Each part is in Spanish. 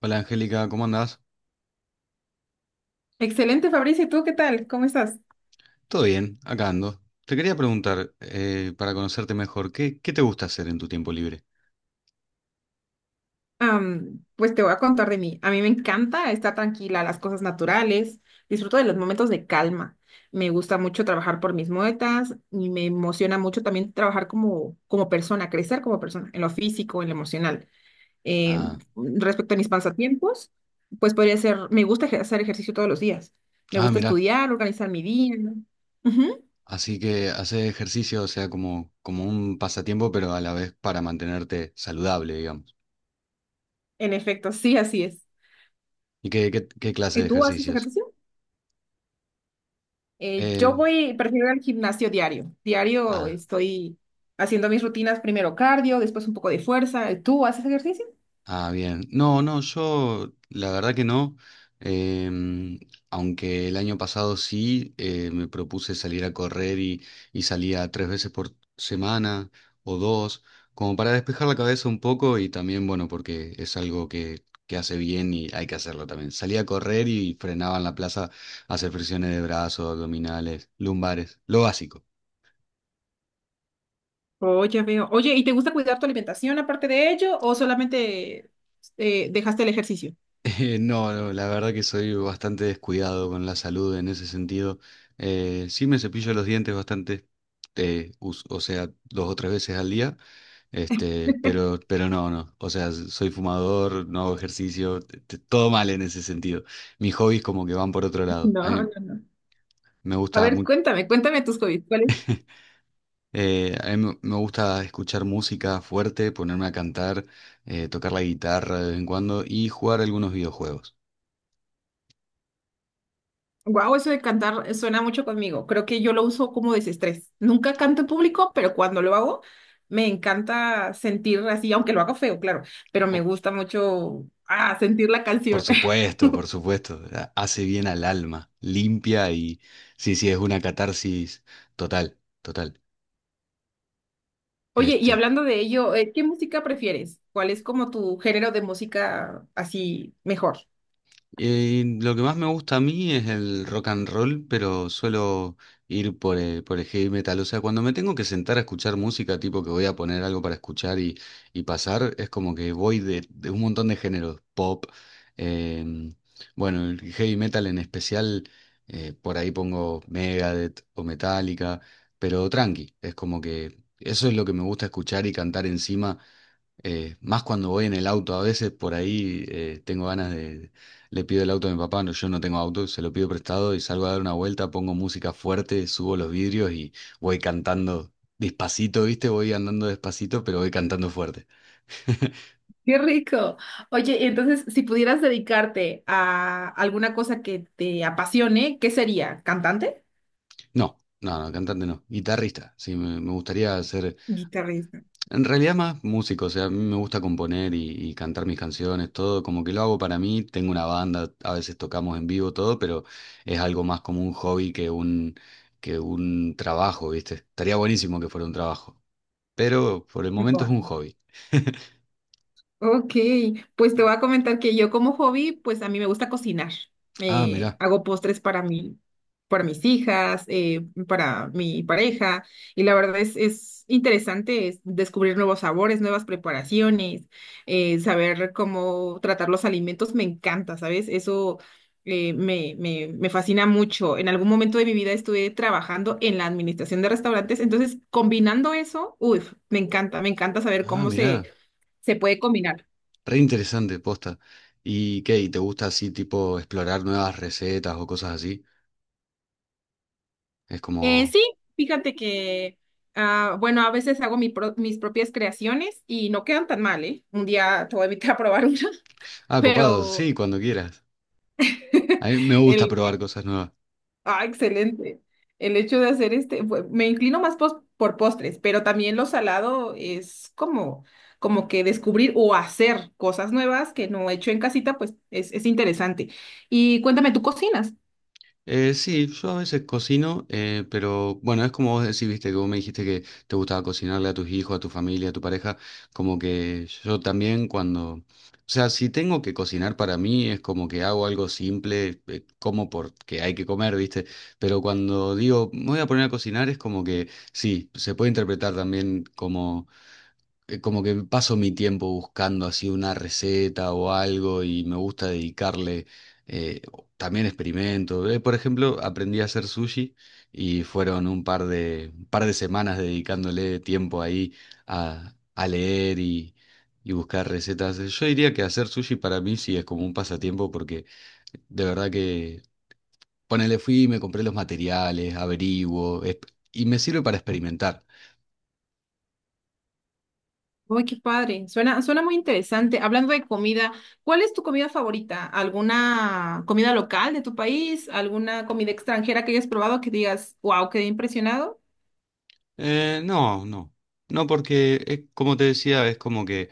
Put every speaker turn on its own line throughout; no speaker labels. Hola Angélica, ¿cómo andás?
Excelente, Fabricio. ¿Y tú qué tal? ¿Cómo estás?
Todo bien, acá ando. Te quería preguntar, para conocerte mejor, ¿qué te gusta hacer en tu tiempo libre?
Pues te voy a contar de mí. A mí me encanta estar tranquila, las cosas naturales. Disfruto de los momentos de calma. Me gusta mucho trabajar por mis metas y me emociona mucho también trabajar como persona, crecer como persona, en lo físico, en lo emocional. Eh,
Ah,
Respecto a mis pasatiempos, pues podría ser, me gusta hacer ejercicio todos los días. Me
ah,
gusta
mirá,
estudiar, organizar mi día, ¿no? Ujú.
así que hacer ejercicio, o sea, como un pasatiempo, pero a la vez para mantenerte saludable, digamos.
En efecto, sí, así es.
¿Y qué clase
¿Y
de
tú haces
ejercicios?
ejercicio? Yo
Eh,
voy, prefiero ir al gimnasio diario. Diario
ah.
estoy haciendo mis rutinas, primero cardio, después un poco de fuerza. ¿Tú haces ejercicio?
Ah, bien. No, no, yo la verdad que no. Em, aunque el año pasado sí me propuse salir a correr y salía tres veces por semana o dos, como para despejar la cabeza un poco y también, bueno, porque es algo que hace bien y hay que hacerlo también. Salía a correr y frenaba en la plaza a hacer flexiones de brazos, abdominales, lumbares, lo básico.
Oh, ya veo. Oye, ¿y te gusta cuidar tu alimentación aparte de ello o solamente dejaste el ejercicio?
No, no, la verdad que soy bastante descuidado con la salud en ese sentido. Sí me cepillo los dientes bastante, o sea, dos o tres veces al día, pero no, no. O sea, soy fumador, no hago ejercicio, todo mal en ese sentido. Mis hobbies como que van por otro lado.
No, no, no.
Me
A
gusta
ver,
mu-
cuéntame, cuéntame tus hobbies.
a mí me gusta escuchar música fuerte, ponerme a cantar, tocar la guitarra de vez en cuando y jugar algunos videojuegos.
Wow, eso de cantar suena mucho conmigo. Creo que yo lo uso como desestrés. Nunca canto en público, pero cuando lo hago, me encanta sentir así, aunque lo haga feo, claro, pero me gusta mucho sentir la
Por
canción.
supuesto, por supuesto. Hace bien al alma, limpia y sí, sí, es una catarsis total, total.
Oye, y
Este,
hablando de ello, ¿qué música prefieres? ¿Cuál es como tu género de música así mejor?
Lo que más me gusta a mí es el rock and roll, pero suelo ir por el heavy metal. O sea, cuando me tengo que sentar a escuchar música, tipo que voy a poner algo para escuchar y pasar, es como que voy de un montón de géneros. Pop, em, bueno, el heavy metal en especial, por ahí pongo Megadeth o Metallica, pero tranqui, es como que eso es lo que me gusta escuchar y cantar encima. Más cuando voy en el auto, a veces por ahí tengo ganas de le pido el auto a mi papá, no, yo no tengo auto, se lo pido prestado y salgo a dar una vuelta, pongo música fuerte, subo los vidrios y voy cantando despacito, ¿viste? Voy andando despacito, pero voy cantando fuerte.
Qué rico. Oye, y entonces, si pudieras dedicarte a alguna cosa que te apasione, ¿qué sería? ¿Cantante?
No, no, no, cantante no, guitarrista, sí, me gustaría ser.
Guitarrista.
En realidad más músico, o sea, a mí me gusta componer y cantar mis canciones, todo, como que lo hago para mí, tengo una banda, a veces tocamos en vivo todo, pero es algo más como un hobby que un trabajo, ¿viste? Estaría buenísimo que fuera un trabajo, pero por el momento es
Guau.
un hobby.
Ok, pues te voy a comentar que yo como hobby, pues a mí me gusta cocinar.
Ah,
Me
mirá,
hago postres para mí, para mis hijas, para mi pareja, y la es interesante es descubrir nuevos sabores, nuevas preparaciones, saber cómo tratar los alimentos, me encanta, ¿sabes? Me fascina mucho. En algún momento de mi vida estuve trabajando en la administración de restaurantes, entonces combinando eso, uff, me encanta saber
ah, mirá,
se puede combinar.
re interesante, posta. ¿Y qué? ¿Y te gusta así tipo explorar nuevas recetas o cosas así? Es como,
Sí, fíjate que, ah, bueno, a veces hago mis propias creaciones y no quedan tan mal, ¿eh? Un día te voy a invitar a probar una.
ah, copado,
Pero
sí, cuando quieras. A mí me gusta
el,
probar
el-
cosas nuevas.
excelente. El hecho de hacer me inclino más por postres, pero también lo salado es como, como que descubrir o hacer cosas nuevas que no he hecho en casita, pues es interesante. Y cuéntame, ¿tú cocinas?
Sí, yo a veces cocino, pero bueno, es como vos decís, viste, que vos me dijiste que te gustaba cocinarle a tus hijos, a tu familia, a tu pareja, como que yo también cuando, o sea, si tengo que cocinar para mí es como que hago algo simple, como porque hay que comer, viste, pero cuando digo, me voy a poner a cocinar es como que sí, se puede interpretar también como que paso mi tiempo buscando así una receta o algo y me gusta dedicarle, eh, también experimento. Por ejemplo, aprendí a hacer sushi y fueron un par de semanas dedicándole tiempo ahí a leer y buscar recetas. Yo diría que hacer sushi para mí sí es como un pasatiempo porque de verdad que... Ponele, fui, y me compré los materiales, y me sirve para experimentar.
Uy, qué padre. Suena, suena muy interesante. Hablando de comida, ¿cuál es tu comida favorita? ¿Alguna comida local de tu país? ¿Alguna comida extranjera que hayas probado que digas, wow, quedé impresionado?
No, no. No, porque es, como te decía, es como que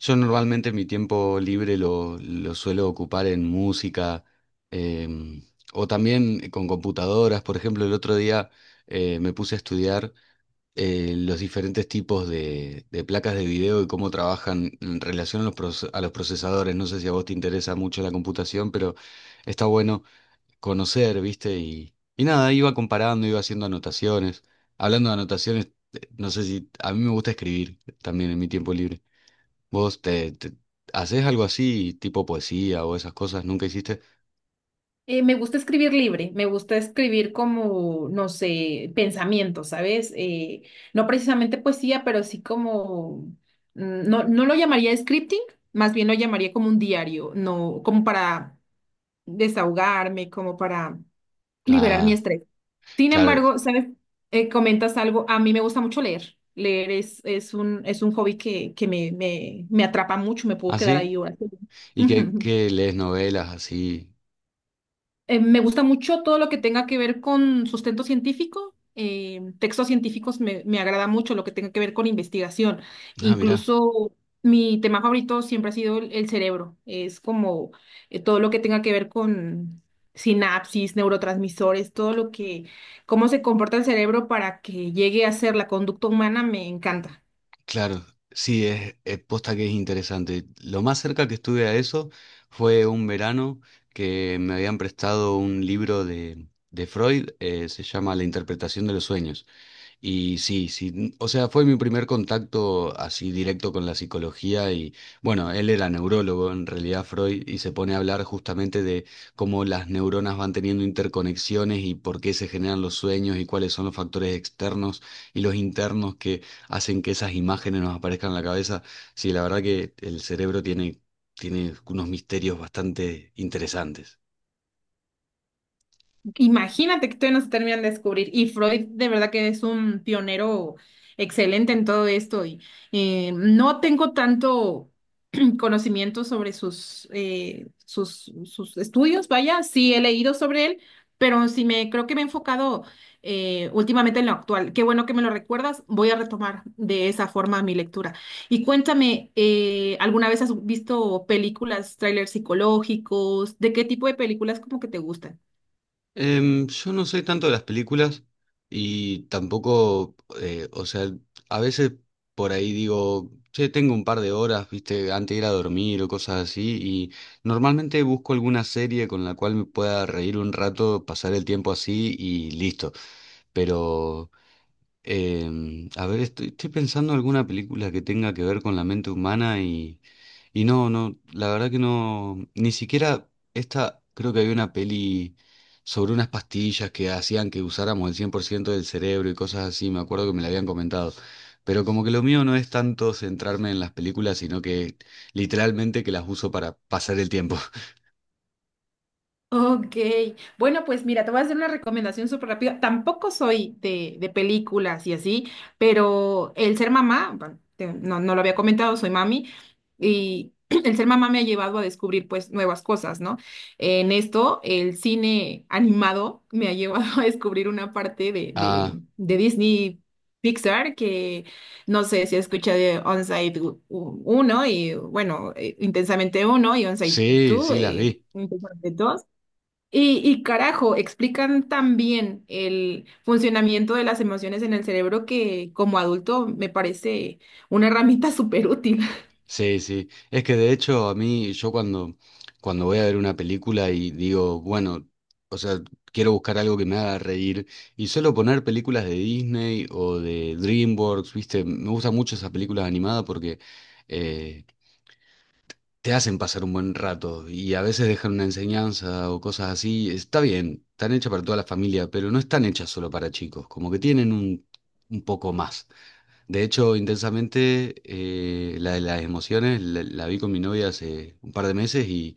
yo normalmente mi tiempo libre lo suelo ocupar en música em, o también con computadoras. Por ejemplo, el otro día me puse a estudiar los diferentes tipos de placas de video y cómo trabajan en relación a los, a los procesadores. No sé si a vos te interesa mucho la computación, pero está bueno conocer, ¿viste? Y nada, iba comparando, iba haciendo anotaciones. Hablando de anotaciones, no sé si a mí me gusta escribir también en mi tiempo libre. ¿Vos te, te- ¿haces algo así, tipo poesía o esas cosas? ¿Nunca hiciste?
Me gusta escribir libre, me gusta escribir como, no sé, pensamientos, ¿sabes? No precisamente poesía, pero sí como, no, no lo llamaría scripting, más bien lo llamaría como un diario, no, como para desahogarme, como para liberar mi
Ah,
estrés. Sin
claro.
embargo, ¿sabes? Comentas algo, a mí me gusta mucho leer. Leer es un hobby que me atrapa mucho, me puedo
¿Ah,
quedar
sí?
ahí horas.
¿Y qué, qué lees novelas así?
Me gusta mucho todo lo que tenga que ver con sustento científico. Textos científicos me agrada mucho lo que tenga que ver con investigación.
Ah, mirá.
Incluso mi tema favorito siempre ha sido el cerebro. Es como todo lo que tenga que ver con sinapsis, neurotransmisores, todo lo que, cómo se comporta el cerebro para que llegue a ser la conducta humana, me encanta.
Claro, sí, es posta que es interesante. Lo más cerca que estuve a eso fue un verano que me habían prestado un libro de Freud, se llama La interpretación de los sueños. Y sí, sí, o sea, fue mi primer contacto así directo con la psicología y bueno, él era neurólogo en realidad Freud y se pone a hablar justamente de cómo las neuronas van teniendo interconexiones y por qué se generan los sueños y cuáles son los factores externos y los internos que hacen que esas imágenes nos aparezcan en la cabeza. Sí, la verdad que el cerebro tiene unos misterios bastante interesantes.
Imagínate que todavía no se terminan de descubrir. Y Freud de verdad que es un pionero excelente en todo esto. Y no tengo tanto conocimiento sobre sus estudios, vaya, sí he leído sobre él, pero sí me creo que me he enfocado últimamente en lo actual. Qué bueno que me lo recuerdas, voy a retomar de esa forma mi lectura. Y cuéntame, ¿alguna vez has visto películas, trailers psicológicos? ¿De qué tipo de películas como que te gustan?
Yo no soy tanto de las películas y tampoco, o sea, a veces por ahí digo, che, tengo un par de horas, viste, antes de ir a dormir o cosas así, y normalmente busco alguna serie con la cual me pueda reír un rato, pasar el tiempo así y listo. Pero a ver, estoy pensando alguna película que tenga que ver con la mente humana y no, no, la verdad que no, ni siquiera esta, creo que había una peli sobre unas pastillas que hacían que usáramos el 100% del cerebro y cosas así, me acuerdo que me la habían comentado, pero como que lo mío no es tanto centrarme en las películas, sino que literalmente que las uso para pasar el tiempo.
Ok, bueno, pues mira, te voy a hacer una recomendación súper rápida. Tampoco soy de películas y así, pero el ser mamá, no, no lo había comentado, soy mami, y el ser mamá me ha llevado a descubrir pues nuevas cosas, ¿no? En esto, el cine animado me ha llevado a descubrir una parte
Ah,
de Disney Pixar que no sé si escucha de Onside uno y bueno, Intensamente uno y Onside
sí,
2,
sí, las vi.
Intensamente dos y carajo, explican tan bien el funcionamiento de las emociones en el cerebro que como adulto me parece una herramienta súper útil.
Sí, sí. Es que de hecho a mí, yo cuando voy a ver una película y digo, bueno, o sea, quiero buscar algo que me haga reír y suelo poner películas de Disney o de DreamWorks, ¿viste? Me gustan mucho esas películas animadas porque eh, te hacen pasar un buen rato y a veces dejan una enseñanza o cosas así. Está bien, están hechas para toda la familia, pero no están hechas solo para chicos, como que tienen un poco más. De hecho, intensamente, la de las emociones la vi con mi novia hace un par de meses y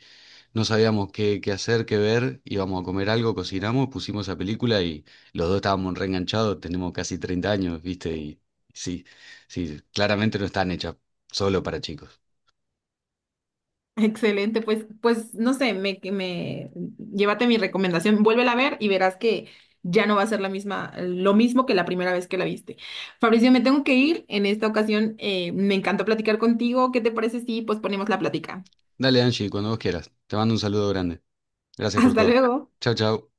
no sabíamos qué hacer, qué ver. Íbamos a comer algo, cocinamos, pusimos esa película y los dos estábamos reenganchados. Tenemos casi 30 años, ¿viste? Y sí, sí, claramente no están hechas solo para chicos.
Excelente, pues, pues no sé, me, que me llévate mi recomendación, vuélvela a ver y verás que ya no va a ser la misma, lo mismo que la primera vez que la viste. Fabricio, me tengo que ir. En esta ocasión, me encantó platicar contigo. ¿Qué te parece si pues ponemos la plática?
Dale, Angie, cuando vos quieras. Te mando un saludo grande. Gracias por
Hasta
todo.
luego.
Chau, chau.